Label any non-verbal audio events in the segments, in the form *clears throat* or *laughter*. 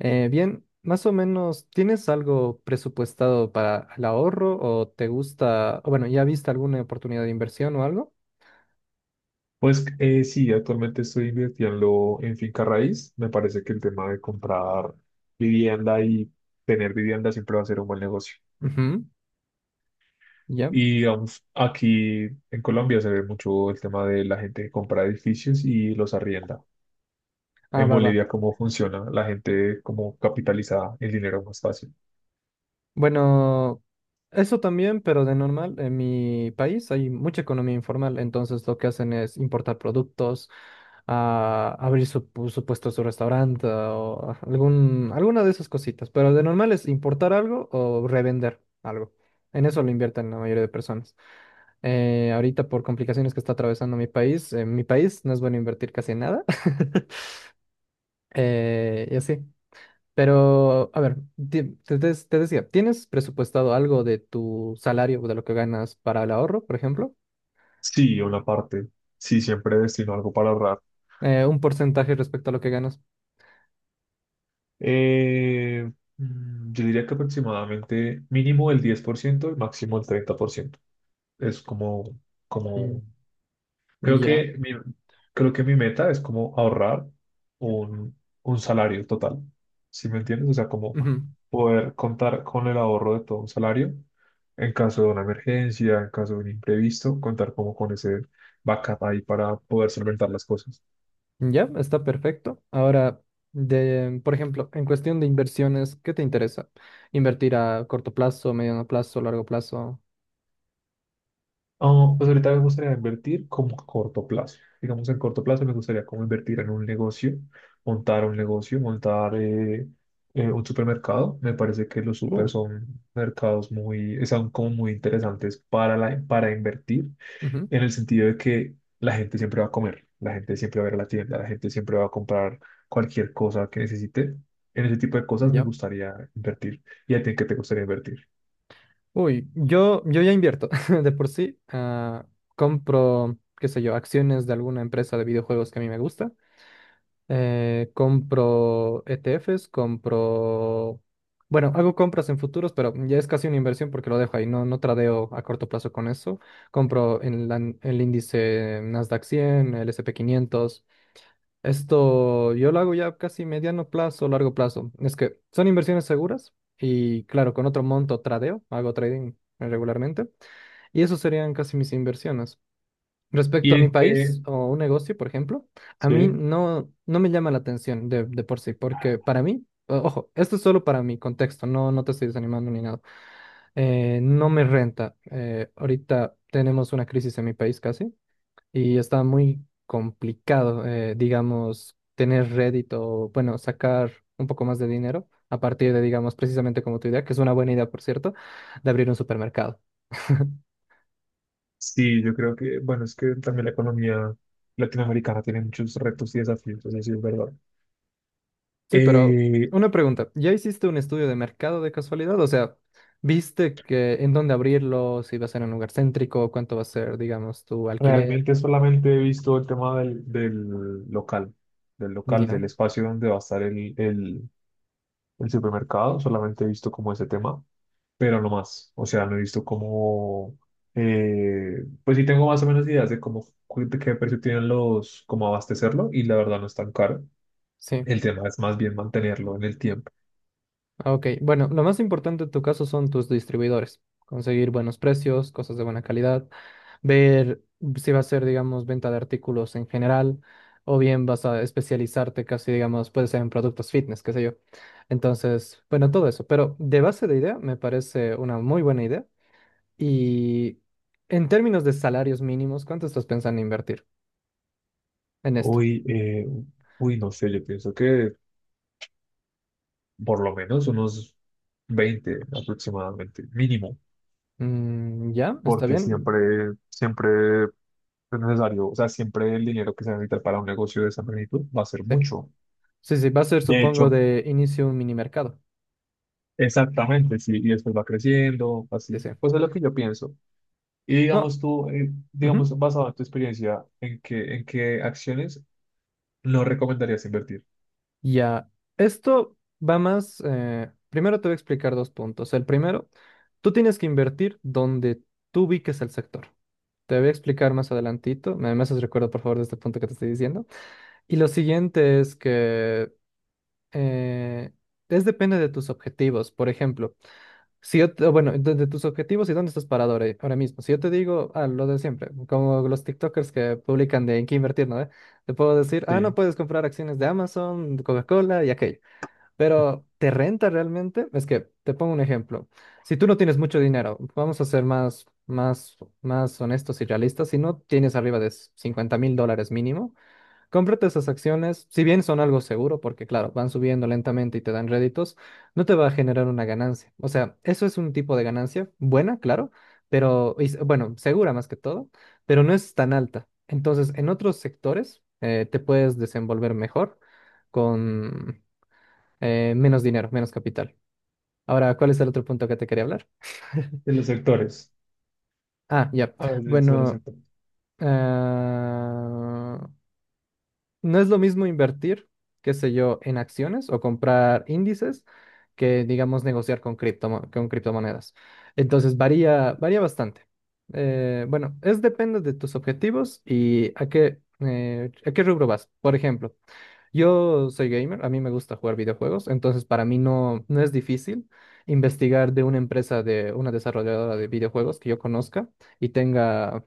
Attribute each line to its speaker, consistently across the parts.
Speaker 1: Bien, más o menos, ¿tienes algo presupuestado para el ahorro o te gusta, o bueno, ya viste alguna oportunidad de inversión o algo?
Speaker 2: Pues sí, actualmente estoy invirtiendo en finca raíz. Me parece que el tema de comprar vivienda y tener vivienda siempre va a ser un buen negocio.
Speaker 1: Ujú, ya.
Speaker 2: Y digamos, aquí en Colombia se ve mucho el tema de la gente que compra edificios y los arrienda.
Speaker 1: Ah,
Speaker 2: En
Speaker 1: va, va.
Speaker 2: Bolivia, ¿cómo funciona? La gente como capitaliza el dinero más fácil.
Speaker 1: Bueno, eso también, pero de normal, en mi país hay mucha economía informal, entonces lo que hacen es importar productos, abrir su puesto, su restaurante o alguna de esas cositas, pero de normal es importar algo o revender algo. En eso lo invierten la mayoría de personas. Ahorita por complicaciones que está atravesando mi país, en mi país no es bueno invertir casi nada. *laughs* Y así. Pero, a ver, te decía, ¿tienes presupuestado algo de tu salario, o de lo que ganas para el ahorro, por ejemplo?
Speaker 2: Sí, una parte. Sí, siempre destino algo para ahorrar.
Speaker 1: Un porcentaje respecto a lo que ganas.
Speaker 2: Eh, yo diría que aproximadamente mínimo el 10% y máximo el 30%. Es como,
Speaker 1: Mm,
Speaker 2: como, creo
Speaker 1: ya.
Speaker 2: que mi, creo que mi meta es como ahorrar un, un salario total. ¿Sí me entiendes? O sea, como
Speaker 1: Ujú.
Speaker 2: poder contar con el ahorro de todo un salario en caso de una emergencia, en caso de un imprevisto, contar como con ese backup ahí para poder solventar las cosas.
Speaker 1: Ya, está perfecto. Ahora, de, por ejemplo, en cuestión de inversiones, ¿qué te interesa? ¿Invertir a corto plazo, mediano plazo, largo plazo?
Speaker 2: Ah, pues ahorita me gustaría invertir como a corto plazo. Digamos, en corto plazo me gustaría como invertir en un negocio, montar un negocio, montar un supermercado. Me parece que los super
Speaker 1: Oh,
Speaker 2: son mercados muy, son como muy interesantes para, la, para invertir,
Speaker 1: ujú,
Speaker 2: en el sentido de que la gente siempre va a comer, la gente siempre va a ir a la tienda, la gente siempre va a comprar cualquier cosa que necesite. En ese tipo de cosas me
Speaker 1: ya.
Speaker 2: gustaría invertir. ¿Y a ti en qué te gustaría invertir?
Speaker 1: Uy, yo ya invierto *laughs* de por sí. Compro, qué sé yo, acciones de alguna empresa de videojuegos que a mí me gusta. Compro ETFs, compro... Bueno, hago compras en futuros, pero ya es casi una inversión porque lo dejo ahí. No, no tradeo a corto plazo con eso. Compro en el índice Nasdaq 100, el S&P 500. Esto yo lo hago ya casi mediano plazo, largo plazo. Es que son inversiones seguras y claro, con otro monto tradeo, hago trading regularmente y eso serían casi mis inversiones.
Speaker 2: ¿Y
Speaker 1: Respecto a mi
Speaker 2: en qué?
Speaker 1: país o un negocio, por ejemplo, a mí
Speaker 2: Sí.
Speaker 1: no, no me llama la atención de por sí, porque para mí, ojo, esto es solo para mi contexto, no, no te estoy desanimando ni nada. No me renta. Ahorita tenemos una crisis en mi país casi y está muy complicado, digamos, tener rédito, o, bueno, sacar un poco más de dinero a partir de, digamos, precisamente como tu idea, que es una buena idea, por cierto, de abrir un supermercado. *laughs*
Speaker 2: Sí, yo creo que, bueno, es que también la economía latinoamericana tiene muchos retos y desafíos, eso sí es verdad.
Speaker 1: Sí, pero
Speaker 2: Eh,
Speaker 1: una pregunta, ¿ya hiciste un estudio de mercado de casualidad? O sea, ¿viste que en dónde abrirlo, si va a ser en un lugar céntrico, cuánto va a ser, digamos, tu alquiler?
Speaker 2: realmente solamente he visto el tema del local, del local,
Speaker 1: Ya,
Speaker 2: del espacio donde va a estar el supermercado, solamente he visto como ese tema, pero no más. O sea, no he visto como, pues sí tengo más o menos ideas de cómo, cu- de qué precio tienen los, cómo abastecerlo y la verdad no es tan caro.
Speaker 1: sí.
Speaker 2: El tema es más bien mantenerlo en el tiempo.
Speaker 1: Ah, ok, bueno, lo más importante en tu caso son tus distribuidores. Conseguir buenos precios, cosas de buena calidad, ver si va a ser, digamos, venta de artículos en general, o bien vas a especializarte casi, digamos, puede ser en productos fitness, qué sé yo. Entonces, bueno, todo eso. Pero de base de idea, me parece una muy buena idea. Y en términos de salarios mínimos, ¿cuánto estás pensando invertir en esto?
Speaker 2: Uy, eh, uy, no sé, yo pienso que por lo menos unos 20 aproximadamente, mínimo,
Speaker 1: Mm, ¿ya? ¿Está
Speaker 2: porque
Speaker 1: bien?
Speaker 2: siempre, siempre es necesario. O sea, siempre el dinero que se necesita para un negocio de esa magnitud va a ser
Speaker 1: Sí.
Speaker 2: mucho.
Speaker 1: Sí, sí, va a ser,
Speaker 2: De
Speaker 1: supongo,
Speaker 2: hecho,
Speaker 1: de inicio un mini mercado.
Speaker 2: exactamente, sí, y después va creciendo,
Speaker 1: Sí,
Speaker 2: así.
Speaker 1: sí.
Speaker 2: Pues es lo que yo pienso. Y
Speaker 1: No,
Speaker 2: digamos tú,
Speaker 1: ujú.
Speaker 2: digamos, basado en tu experiencia, ¿ en qué acciones no recomendarías invertir?
Speaker 1: Ya, esto va más, primero te voy a explicar 2 puntos. El primero, tú tienes que invertir donde tú ubiques el sector. Te voy a explicar más adelantito. Me haces recuerdo, por favor, de este punto que te estoy diciendo. Y lo siguiente es que eh, es depende de tus objetivos. Por ejemplo, si yo, bueno, de tus objetivos y dónde estás parado ahora, ahora mismo. Si yo te digo, ah, lo de siempre, como los TikTokers que publican de en qué invertir, ¿no? ¿Eh? Te puedo decir,
Speaker 2: Sí,
Speaker 1: ah, no
Speaker 2: en
Speaker 1: puedes comprar acciones de Amazon, de Coca-Cola y aquello. Pero ¿te renta realmente? Es que te pongo un ejemplo. Si tú no tienes mucho dinero, vamos a ser más honestos y realistas. Si no tienes arriba de $50,000 mínimo, cómprate esas acciones. Si bien son algo seguro, porque claro, van subiendo lentamente y te dan réditos, no te va a generar una ganancia. O sea, eso es un tipo de ganancia buena, claro, pero bueno, segura más que todo, pero no es tan alta. Entonces, en otros sectores, te puedes desenvolver mejor con menos dinero, menos capital. Ahora, ¿cuál es el otro punto que te quería hablar? *laughs*
Speaker 2: los sectores.
Speaker 1: Ah, ya.
Speaker 2: A ver, de los
Speaker 1: Bueno,
Speaker 2: sectores.
Speaker 1: ah, no es lo mismo invertir, qué sé yo, en acciones o comprar índices que, digamos, negociar con criptomonedas. Entonces, varía bastante. Bueno, es depende de tus objetivos y a qué rubro vas. Por ejemplo, yo soy gamer, a mí me gusta jugar videojuegos, entonces para mí no, no es difícil investigar de una empresa, de una desarrolladora de videojuegos que yo conozca y tenga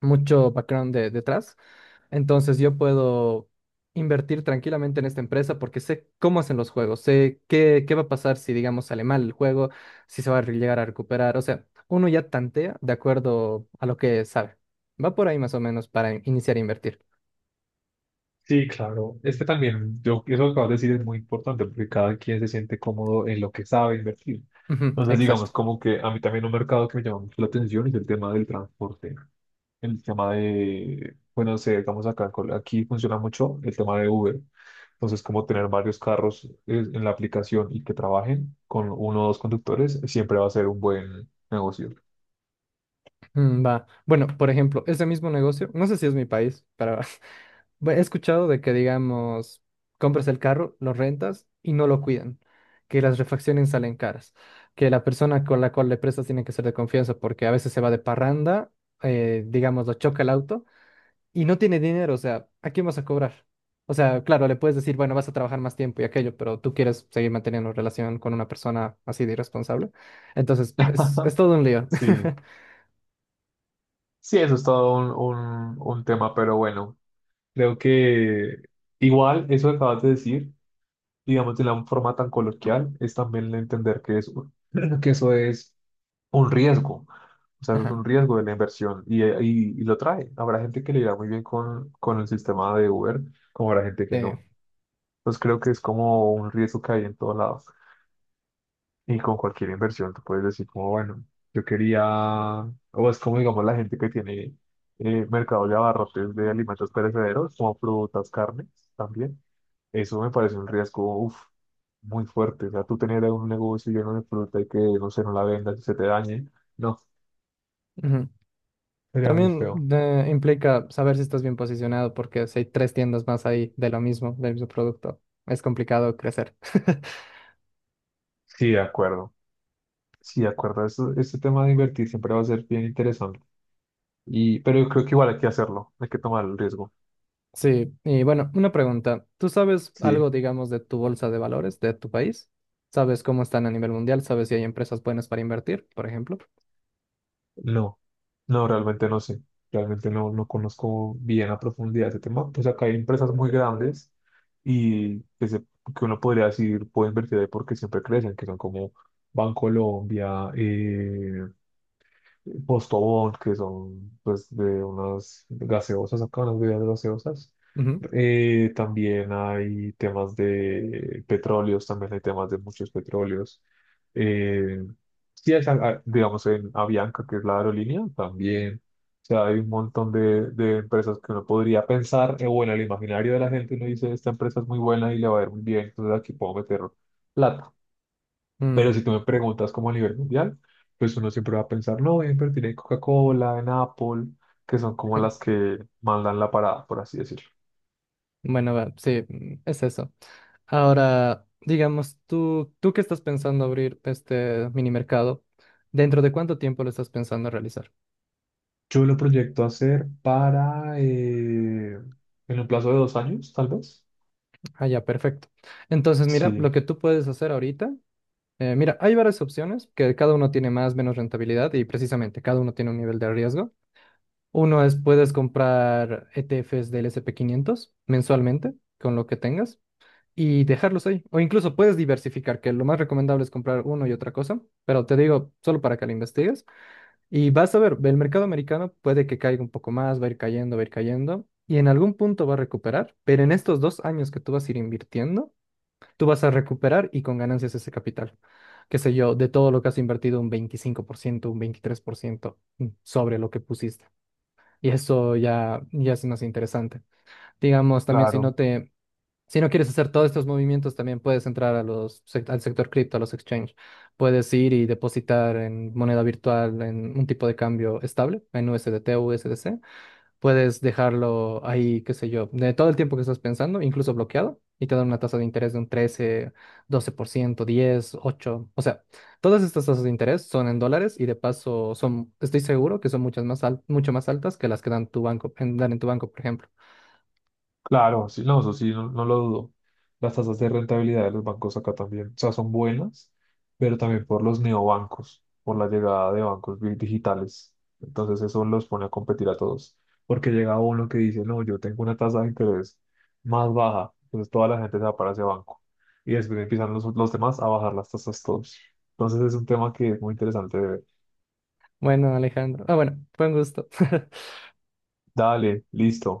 Speaker 1: mucho background detrás. Entonces yo puedo invertir tranquilamente en esta empresa porque sé cómo hacen los juegos, sé qué va a pasar si, digamos, sale mal el juego, si se va a llegar a recuperar. O sea, uno ya tantea de acuerdo a lo que sabe. Va por ahí más o menos para iniciar a invertir.
Speaker 2: Sí, claro. Es que también, yo, eso que acabas de decir es muy importante porque cada quien se siente cómodo en lo que sabe invertir.
Speaker 1: Ujú,
Speaker 2: Entonces,
Speaker 1: exacto.
Speaker 2: digamos, como que a mí también un mercado que me llama mucho la atención es el tema del transporte. El tema de, bueno, no sé, digamos acá, en Col- aquí funciona mucho el tema de Uber. Entonces, como tener varios carros en la aplicación y que trabajen con uno o dos conductores, siempre va a ser un buen negocio.
Speaker 1: Mm, va. Bueno, por ejemplo, ese mismo negocio, no sé si es mi país, pero *laughs* he escuchado de que, digamos, compras el carro, lo rentas y no lo cuidan, que las refacciones salen caras, que la persona con la cual le prestas tiene que ser de confianza porque a veces se va de parranda, digamos, lo choca el auto y no tiene dinero, o sea, ¿a quién vas a cobrar? O sea, claro, le puedes decir, bueno, vas a trabajar más tiempo y aquello, pero tú quieres seguir manteniendo relación con una persona así de irresponsable. Entonces, es
Speaker 2: *laughs*
Speaker 1: todo un lío.
Speaker 2: Sí,
Speaker 1: *laughs*
Speaker 2: sí, eso es todo un tema, pero bueno. Creo que igual eso que acabas de decir, digamos de la forma tan coloquial, es también entender que eso, *clears throat* que eso es un riesgo. O sea, eso es un
Speaker 1: Ajá.
Speaker 2: riesgo de la inversión y lo trae. Habrá gente que le irá muy bien con el sistema de Uber, como habrá gente que no. Entonces creo que es como un riesgo que hay en todos lados. Y con cualquier inversión tú puedes decir como, bueno, yo quería, o es como digamos la gente que tiene mercado de abarrotes de alimentos perecederos, como frutas, carnes también. Eso me parece un riesgo, uf, muy fuerte. O sea, tú tener un negocio lleno de fruta y que, no sé, no la vendas y se te dañe. No,
Speaker 1: Ujú.
Speaker 2: sería muy
Speaker 1: También
Speaker 2: feo.
Speaker 1: implica saber si estás bien posicionado, porque si hay tres tiendas más ahí de lo mismo, del mismo producto, es complicado crecer. *laughs*
Speaker 2: Sí, de acuerdo. Sí, de acuerdo. Eso, este tema de invertir siempre va a ser bien interesante. Y, pero yo creo que igual hay que hacerlo. Hay que tomar el riesgo.
Speaker 1: Sí, y bueno, una pregunta. ¿Tú sabes algo,
Speaker 2: Sí.
Speaker 1: digamos, de tu bolsa de valores de tu país? ¿Sabes cómo están a nivel mundial? ¿Sabes si hay empresas buenas para invertir, por ejemplo?
Speaker 2: No, no, realmente no sé. Realmente no, no conozco bien a profundidad ese tema. Pues acá hay empresas muy grandes y que uno podría decir puede invertir ahí porque siempre crecen, que son como Bancolombia, Postobón, que son pues de unas gaseosas acá, unas bebidas gaseosas.
Speaker 1: Ujú.
Speaker 2: También hay temas de petróleos, también hay temas de muchos petróleos. Eh, sí, hay, ah, digamos, en Avianca, que es la aerolínea, también. O sea, hay un montón de empresas que uno podría pensar, bueno, el imaginario de la gente uno dice, esta empresa es muy buena y le va a ir muy bien, entonces aquí puedo meter plata.
Speaker 1: Mm,
Speaker 2: Pero si tú me preguntas como a nivel mundial, pues uno siempre va a pensar, no, voy a invertir en Coca-Cola, en Apple, que son como las que mandan la parada, por así decirlo.
Speaker 1: bueno, va, sí, mm, es eso. Ahora, digamos, tú que estás pensando abrir este mini mercado, ¿dentro de cuánto tiempo lo estás pensando realizar?
Speaker 2: Yo lo proyecto hacer para, en un plazo de 2 años, tal vez.
Speaker 1: Ah, ya, perfecto. Entonces, mira,
Speaker 2: Sí,
Speaker 1: lo que tú puedes hacer ahorita, mira, hay varias opciones que cada uno tiene más, menos rentabilidad y precisamente cada uno tiene un nivel de riesgo. Uno es, puedes comprar ETFs del S&P 500 mensualmente con lo que tengas y dejarlos ahí. O incluso puedes diversificar, que lo más recomendable es comprar uno y otra cosa, pero te digo, solo para que lo investigues. Y vas a ver, el mercado americano puede que caiga un poco más, va a ir cayendo, va a ir cayendo. Y en algún punto va a recuperar, pero en estos 2 años que tú vas a ir invirtiendo, tú vas a recuperar y con ganancias ese capital, qué sé yo, de todo lo que has invertido, un 25% un 23% mm, sobre lo que pusiste. Y eso ya, ya es más interesante. Digamos, también si no
Speaker 2: claro.
Speaker 1: te, si no quieres hacer todos estos movimientos, también puedes entrar a los, al sector cripto, a los exchange. Puedes ir y depositar en moneda virtual, en un tipo de cambio estable, en USDT o USDC. Puedes dejarlo ahí, qué sé yo, de todo el tiempo que estás pensando, incluso bloqueado, y te dan una tasa de interés de un 13 12% 10 8. O sea, todas estas tasas de interés son en dólares y de paso son, estoy seguro que son muchas más mucho más altas que las que dan tu banco, en, dan en tu banco, por ejemplo.
Speaker 2: Claro, sí, no, eso sí, no, no lo dudo. Las tasas de rentabilidad de los bancos acá también, o sea, son buenas, pero también por los neobancos, por la llegada de bancos bi- digitales. Entonces eso los pone a competir a todos, porque llega uno que dice, no, yo tengo una tasa de interés más baja, entonces toda la gente se va para ese banco. Y después empiezan los demás a bajar las tasas todos. Entonces es un tema que es muy interesante de ver.
Speaker 1: Bueno, Alejandro. Ah, bueno, fue un gusto. *laughs*
Speaker 2: Dale, listo.